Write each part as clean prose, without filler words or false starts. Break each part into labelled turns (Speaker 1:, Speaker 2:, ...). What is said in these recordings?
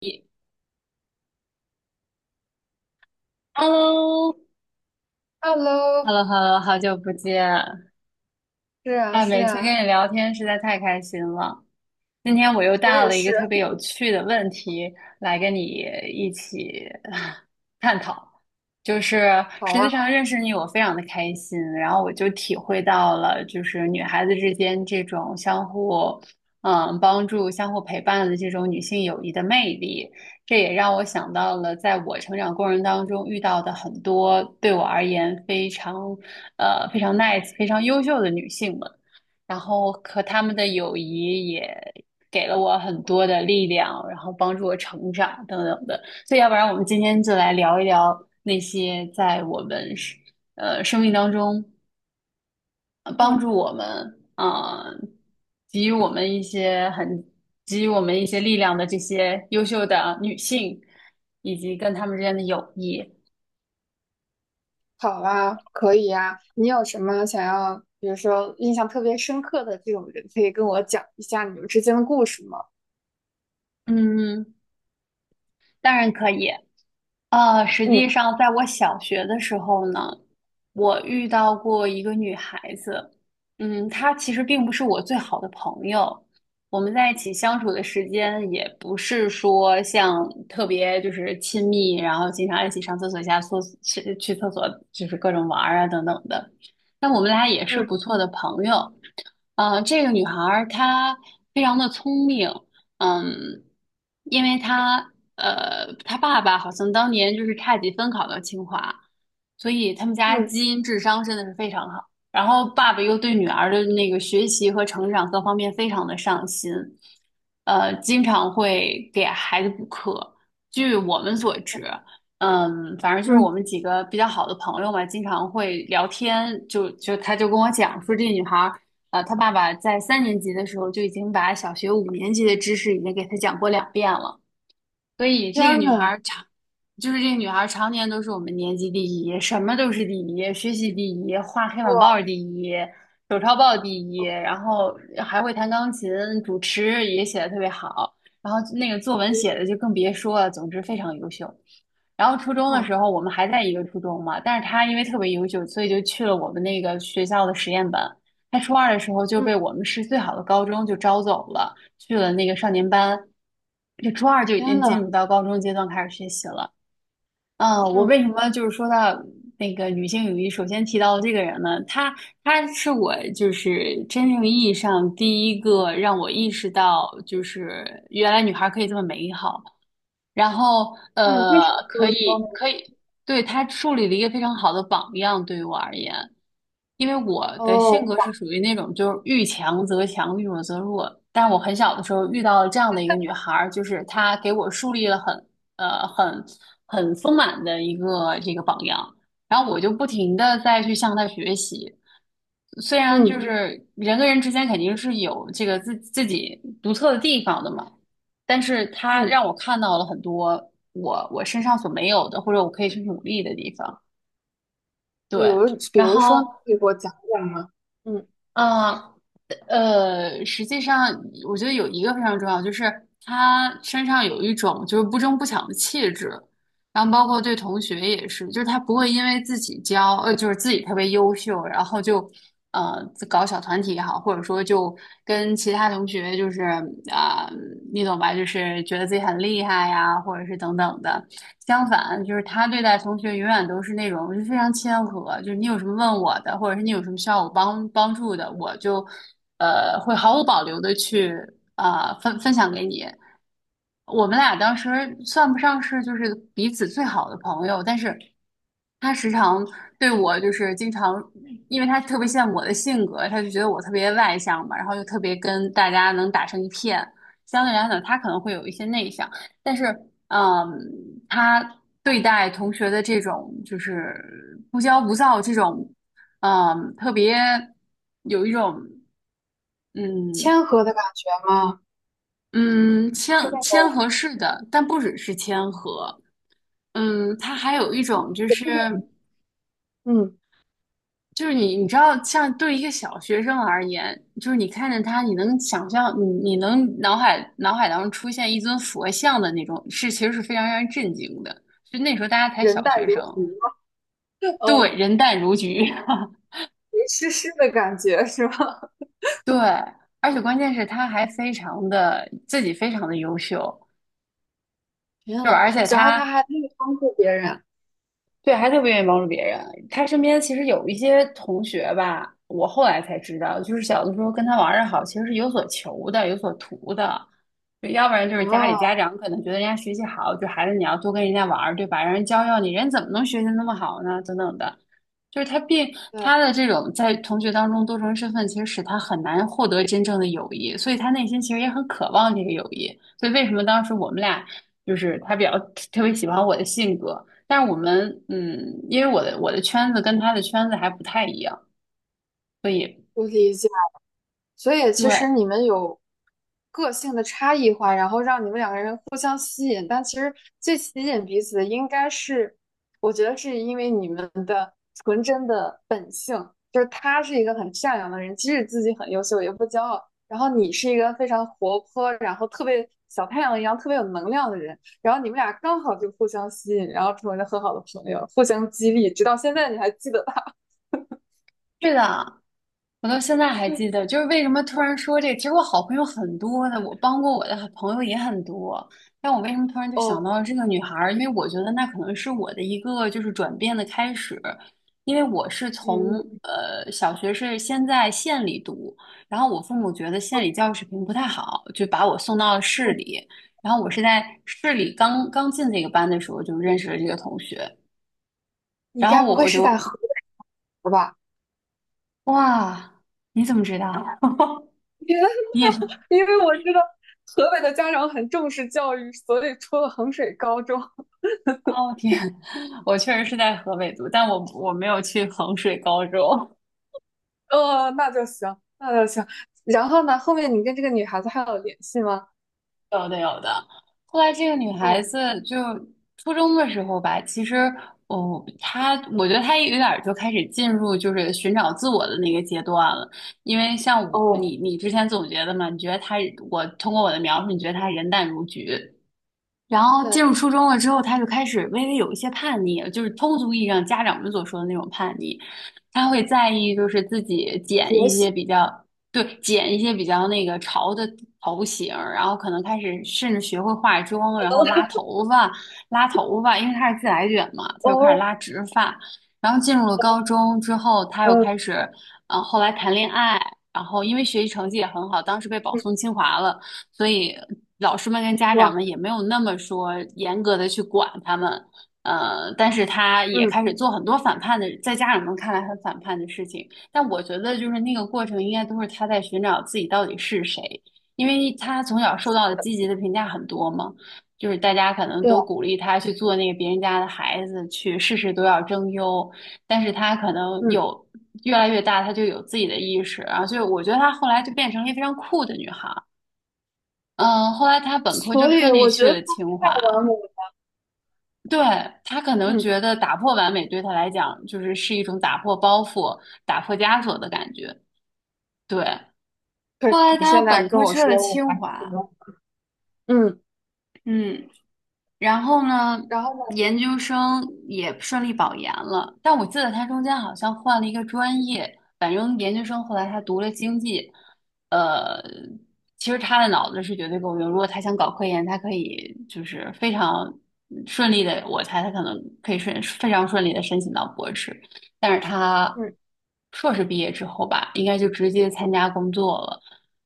Speaker 1: 一 Hello,Hello,Hello,
Speaker 2: Hello。
Speaker 1: 好久不见！
Speaker 2: 是啊，
Speaker 1: 哎，
Speaker 2: 是
Speaker 1: 每次跟
Speaker 2: 啊。
Speaker 1: 你聊天实在太开心了。今天我又
Speaker 2: 我
Speaker 1: 带
Speaker 2: 也
Speaker 1: 了一
Speaker 2: 是。
Speaker 1: 个特别有趣的问题来跟你一起啊 探讨，就是
Speaker 2: 好
Speaker 1: 实际
Speaker 2: 啊。
Speaker 1: 上认识你我非常的开心，然后我就体会到了就是女孩子之间这种相互帮助、相互陪伴的这种女性友谊的魅力，这也让我想到了在我成长过程当中遇到的很多对我而言非常非常 nice、非常优秀的女性们。然后和他们的友谊也给了我很多的力量，然后帮助我成长等等的。所以，要不然我们今天就来聊一聊那些在我们是生命当中帮
Speaker 2: 嗯，
Speaker 1: 助我们，给予我们一些很给予我们一些力量的这些优秀的女性，以及跟她们之间的友谊。
Speaker 2: 好啊，可以啊。你有什么想要，比如说印象特别深刻的这种人，可以跟我讲一下你们之间的故事吗？
Speaker 1: 嗯，当然可以。实际
Speaker 2: 嗯。
Speaker 1: 上，在我小学的时候呢，我遇到过一个女孩子，嗯，她其实并不是我最好的朋友，我们在一起相处的时间也不是说像特别就是亲密，然后经常一起上厕所、下厕所、去厕所，就是各种玩儿啊等等的。但我们俩也是
Speaker 2: 嗯。
Speaker 1: 不错的朋友。这个女孩儿她非常的聪明，嗯，因为他他爸爸好像当年就是差几分考到清华，所以他们家
Speaker 2: 嗯。
Speaker 1: 基因智商真的是非常好。然后爸爸又对女儿的那个学习和成长各方面非常的上心，经常会给孩子补课。据我们所知，嗯，反正就是我
Speaker 2: 嗯。
Speaker 1: 们几个比较好的朋友嘛，经常会聊天，他就跟我讲说，这女孩。他爸爸在3年级的时候就已经把小学5年级的知识已经给他讲过2遍了。所以这个
Speaker 2: 天
Speaker 1: 女孩
Speaker 2: 呐。
Speaker 1: 儿常，就是这个女孩儿常年都是我们年级第一，什么都是第一，学习第一，画黑板报儿
Speaker 2: 哇。
Speaker 1: 第一，手抄报第一，然后还会弹钢琴，主持也写的特别好，然后那个作文写的就更别说了，总之非常优秀。然后初中的
Speaker 2: 哇。
Speaker 1: 时候，我们还在一个初中嘛，但是她因为特别优秀，所以就去了我们那个学校的实验班。她初二的时候就
Speaker 2: 嗯。
Speaker 1: 被我们市最好的高中就招走了。去了那个少年班，就初二就已
Speaker 2: 天
Speaker 1: 经
Speaker 2: 呐。
Speaker 1: 进入到高中阶段开始学习了。嗯，我
Speaker 2: 嗯。
Speaker 1: 为什么就是说到那个女性友谊，首先提到这个人呢？她是我就是真正意义上第一个让我意识到，就是原来女孩可以这么美好，然后
Speaker 2: 嗯。为什么这
Speaker 1: 可
Speaker 2: 么说呢？
Speaker 1: 以可以，对，她树立了一个非常好的榜样，对于我而言。因为我的性
Speaker 2: 哦。
Speaker 1: 格是属于那种就是遇强则强，遇弱则弱。但我很小的时候遇到了这样的一个女孩儿，就是她给我树立了很呃很很丰满的一个这个榜样，然后我就不停的再去向她学习。虽然就
Speaker 2: 嗯。
Speaker 1: 是人跟人之间肯定是有这个自己独特的地方的嘛，但是她
Speaker 2: 嗯。
Speaker 1: 让我看到了很多我身上所没有的，或者我可以去努力的地方。
Speaker 2: 比如
Speaker 1: 对，
Speaker 2: 比
Speaker 1: 然
Speaker 2: 如说
Speaker 1: 后。
Speaker 2: 呢，可以给我讲讲吗？嗯，
Speaker 1: 嗯，实际上我觉得有一个非常重要，就是他身上有一种就是不争不抢的气质，然后包括对同学也是，就是他不会因为自己骄，呃，就是自己特别优秀，然后就呃搞小团体也好，或者说就跟其他同学就是啊、你懂吧，就是觉得自己很厉害呀，或者是等等的。相反，就是他对待同学永远都是那种就非常谦和，就是你有什么问我的，或者是你有什么需要我帮助的，我就会毫无保留的去分享给你。我们俩当时算不上是就是彼此最好的朋友，但是他时常对我就是经常，因为他特别羡慕我的性格，他就觉得我特别外向嘛，然后就特别跟大家能打成一片。相对来讲，他可能会有一些内向，但是嗯，他对待同学的这种就是不骄不躁这种，嗯，特别有一种嗯。
Speaker 2: 谦和的感觉吗？
Speaker 1: 嗯，
Speaker 2: 是那
Speaker 1: 谦
Speaker 2: 种。
Speaker 1: 和式的，但不只是谦和，嗯，他还有一种就是
Speaker 2: 嗯，
Speaker 1: 就是你知道，像对一个小学生而言，就是你看见他，你能想象，你能脑海当中出现一尊佛像的那种，是其实是非常让人震惊的。就那时候大家才
Speaker 2: 人
Speaker 1: 小
Speaker 2: 淡
Speaker 1: 学生，
Speaker 2: 如菊吗？
Speaker 1: 对，
Speaker 2: 嗯。
Speaker 1: 人淡如菊，
Speaker 2: 没湿湿的感觉是吧？
Speaker 1: 对，而且关键是他还非常的自己非常的优秀，
Speaker 2: 天
Speaker 1: 就是
Speaker 2: 呐。
Speaker 1: 而且
Speaker 2: 然后他
Speaker 1: 他
Speaker 2: 还可以帮助别人。
Speaker 1: 对，还特别愿意帮助别人。他身边其实有一些同学吧，我后来才知道，就是小的时候跟他玩的好，其实是有所求的，有所图的。就要不然就是家里
Speaker 2: 啊！
Speaker 1: 家长可能觉得人家学习好，就孩子你要多跟人家玩儿，对吧？让人教教你，人怎么能学习那么好呢？等等的，就是他并
Speaker 2: 对，
Speaker 1: 他的这种在同学当中多重身份，其实使他很难获得真正的友谊，所以他内心其实也很渴望这个友谊。所以为什么当时我们俩就是他比较特别喜欢我的性格，但是我们，嗯，因为我的圈子跟他的圈子还不太一样，所以
Speaker 2: 我理解。所以其
Speaker 1: 对，
Speaker 2: 实你们有个性的差异化，然后让你们两个人互相吸引，但其实最吸引彼此的应该是，我觉得是因为你们的纯真的本性，就是他是一个很善良的人，即使自己很优秀也不骄傲，然后你是一个非常活泼，然后特别小太阳一样特别有能量的人，然后你们俩刚好就互相吸引，然后成为了很好的朋友，互相激励，直到现在你还记得他。
Speaker 1: 是的，我到现在还记 得，就是为什么突然说这个？其实我好朋友很多的，我帮过我的朋友也很多，但我为什么突然就想
Speaker 2: 哦，
Speaker 1: 到了这个女孩儿？因为我觉得那可能是我的一个就是转变的开始，因为我是从
Speaker 2: 嗯，
Speaker 1: 小学是先在县里读，然后我父母觉得县里教育水平不太好，就把我送到了市里，然后我是在市里刚刚进这个班的时候就认识了这个同学，
Speaker 2: 你
Speaker 1: 然后
Speaker 2: 该不
Speaker 1: 我
Speaker 2: 会
Speaker 1: 我
Speaker 2: 是
Speaker 1: 就
Speaker 2: 在河吧？
Speaker 1: 哇，你怎么知道？
Speaker 2: 天呐，
Speaker 1: 你也是。
Speaker 2: 因为我知道河北的家长很重视教育，所以出了衡水高中。
Speaker 1: 哦天，我确实是在河北读，但我没有去衡水高中。
Speaker 2: 呃，那就行，那就行。然后呢，后面你跟这个女孩子还有联系吗？
Speaker 1: 有的有的。后来这个女孩
Speaker 2: 哦。
Speaker 1: 子就初中的时候吧，其实哦，她我觉得她有点儿就开始进入就是寻找自我的那个阶段了。因为像我，
Speaker 2: 哦，
Speaker 1: 你之前总结的嘛，你觉得她我通过我的描述，你觉得她人淡如菊，然后进
Speaker 2: 对，
Speaker 1: 入初中了之后，他就开始微微有一些叛逆，就是通俗意义上家长们所说的那种叛逆。他会在意，就是自己剪
Speaker 2: 学
Speaker 1: 一
Speaker 2: 习。
Speaker 1: 些比较，对，剪一些比较那个潮的头型然后可能开始甚至学会化妆，然后拉头发，拉头发，因为他是自来卷嘛，他就开始
Speaker 2: 哦。
Speaker 1: 拉直发。然后进入了高中之后，他又
Speaker 2: 嗯。
Speaker 1: 开始，后来谈恋爱，然后因为学习成绩也很好，当时被保
Speaker 2: 嗯。
Speaker 1: 送清华了。所以老师们跟家长
Speaker 2: 哇。
Speaker 1: 们也没有那么说严格的去管他们，但是他也
Speaker 2: 嗯。
Speaker 1: 开始做很多反叛的，在家长们看来很反叛的事情，但我觉得就是那个过程应该都是他在寻找自己到底是谁，因为他从小受到的积极的评价很多嘛。就是大家可能
Speaker 2: 对。
Speaker 1: 都鼓励他去做那个别人家的孩子，去事事都要争优，但是他可能
Speaker 2: 嗯。
Speaker 1: 有越来越大，他就有自己的意识啊，所以我觉得他后来就变成了一个非常酷的女孩。嗯，后来他本科就
Speaker 2: 所以
Speaker 1: 顺利
Speaker 2: 我觉
Speaker 1: 去
Speaker 2: 得太
Speaker 1: 了清华。
Speaker 2: 完美了。
Speaker 1: 对，他可能
Speaker 2: 嗯，
Speaker 1: 觉得打破完美对他来讲，就是是一种打破包袱、打破枷锁的感觉。对，
Speaker 2: 可
Speaker 1: 后
Speaker 2: 是
Speaker 1: 来
Speaker 2: 你
Speaker 1: 他
Speaker 2: 现在
Speaker 1: 本
Speaker 2: 跟
Speaker 1: 科
Speaker 2: 我
Speaker 1: 去了
Speaker 2: 说我
Speaker 1: 清
Speaker 2: 还是觉
Speaker 1: 华。
Speaker 2: 得。嗯，
Speaker 1: 嗯。然后呢，
Speaker 2: 然后呢？
Speaker 1: 研究生也顺利保研了，但我记得他中间好像换了一个专业，反正研究生后来他读了经济，呃，其实他的脑子是绝对够用，如果他想搞科研，他可以就是非常顺利的，我猜他可能可以顺非常顺利的申请到博士。但是他
Speaker 2: 嗯。
Speaker 1: 硕士毕业之后吧，应该就直接参加工作了，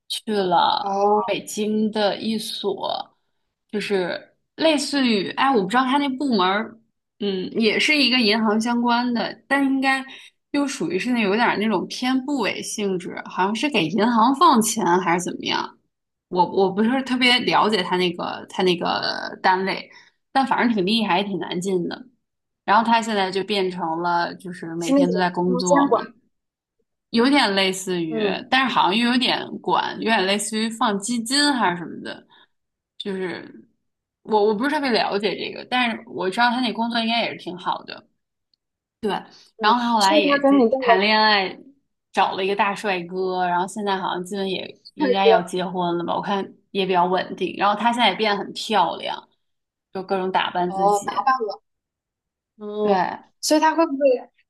Speaker 1: 去了
Speaker 2: 哦，
Speaker 1: 北京的一所，就是类似于，哎，我不知道他那部门儿，嗯，也是一个银行相关的，但应该又属于是那有点儿那种偏部委性质，好像是给银行放钱还是怎么样，我不是特别了解他那个他那个单位，但反正挺厉害，也挺难进的。然后他现在就变成了就是每
Speaker 2: 是那
Speaker 1: 天
Speaker 2: 种
Speaker 1: 都在
Speaker 2: 不
Speaker 1: 工
Speaker 2: 能监
Speaker 1: 作嘛，
Speaker 2: 管。
Speaker 1: 有点类似于，
Speaker 2: 嗯。
Speaker 1: 但是好像又有点管，有点类似于放基金还是什么的，就是我不是特别了解这个，但是我知道他那工作应该也是挺好的，对。然
Speaker 2: 嗯。
Speaker 1: 后他后来
Speaker 2: 所以他
Speaker 1: 也
Speaker 2: 给你
Speaker 1: 进
Speaker 2: 带
Speaker 1: 谈
Speaker 2: 了
Speaker 1: 恋爱，找了一个大帅哥，然后现在好像基本也
Speaker 2: 帅
Speaker 1: 应该要
Speaker 2: 哥。
Speaker 1: 结婚了吧，我看也比较稳定。然后她现在也变得很漂亮，就各种打扮自
Speaker 2: 哦，
Speaker 1: 己，
Speaker 2: 打扮。嗯。
Speaker 1: 对。
Speaker 2: 所以他会不会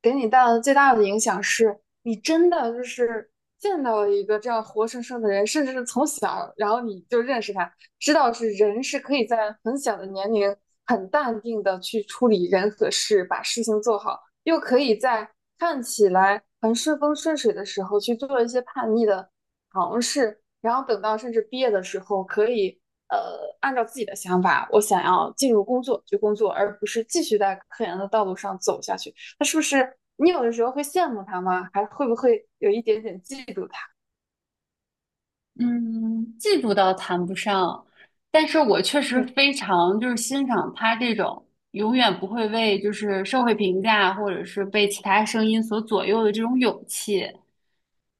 Speaker 2: 给你带来的最大的影响是，你真的就是见到了一个这样活生生的人，甚至是从小，然后你就认识他，知道是人是可以在很小的年龄很淡定的去处理人和事，把事情做好，又可以在看起来很顺风顺水的时候去做一些叛逆的尝试，然后等到甚至毕业的时候，可以按照自己的想法，我想要进入工作去工作，而不是继续在科研的道路上走下去。那是不是你有的时候会羡慕他吗？还会不会有一点点嫉妒他？
Speaker 1: 嗯，嫉妒倒谈不上，但是我确实
Speaker 2: 嗯。
Speaker 1: 非常就是欣赏他这种永远不会为就是社会评价或者是被其他声音所左右的这种勇气。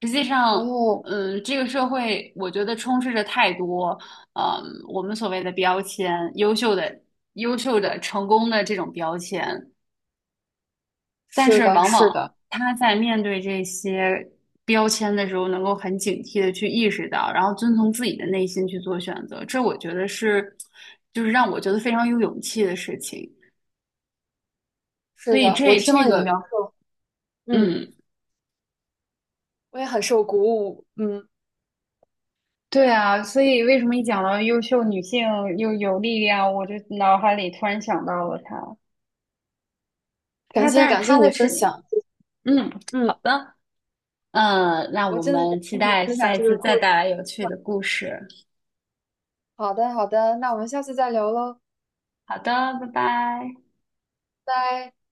Speaker 1: 实际上，
Speaker 2: 哦，
Speaker 1: 嗯，这个社会我觉得充斥着太多，嗯，我们所谓的标签，优秀的、优秀的、成功的这种标签。但
Speaker 2: 是
Speaker 1: 是
Speaker 2: 的，
Speaker 1: 往
Speaker 2: 是
Speaker 1: 往
Speaker 2: 的。
Speaker 1: 他在面对这些标签的时候，能够很警惕的去意识到，然后遵从自己的内心去做选择，这我觉得是，就是让我觉得非常有勇气的事情。所
Speaker 2: 是
Speaker 1: 以
Speaker 2: 的，我
Speaker 1: 这
Speaker 2: 听
Speaker 1: 这
Speaker 2: 了你的描
Speaker 1: 个，
Speaker 2: 述。嗯，
Speaker 1: 嗯，
Speaker 2: 我也很受鼓舞。嗯，
Speaker 1: 对啊，所以为什么一讲到优秀女性又有力量，我就脑海里突然想到了她，她，
Speaker 2: 感谢
Speaker 1: 但是
Speaker 2: 感谢
Speaker 1: 她
Speaker 2: 你的
Speaker 1: 的是，
Speaker 2: 分享。
Speaker 1: 嗯，
Speaker 2: 嗯，
Speaker 1: 好的，嗯，那
Speaker 2: 我
Speaker 1: 我
Speaker 2: 真的感
Speaker 1: 们
Speaker 2: 谢
Speaker 1: 期
Speaker 2: 你
Speaker 1: 待
Speaker 2: 分享
Speaker 1: 下
Speaker 2: 这
Speaker 1: 一
Speaker 2: 个
Speaker 1: 次
Speaker 2: 故
Speaker 1: 再
Speaker 2: 事。
Speaker 1: 带来有趣的故事。
Speaker 2: 好的，好的，那我们下次再聊喽。
Speaker 1: 好的，拜拜。
Speaker 2: 拜拜。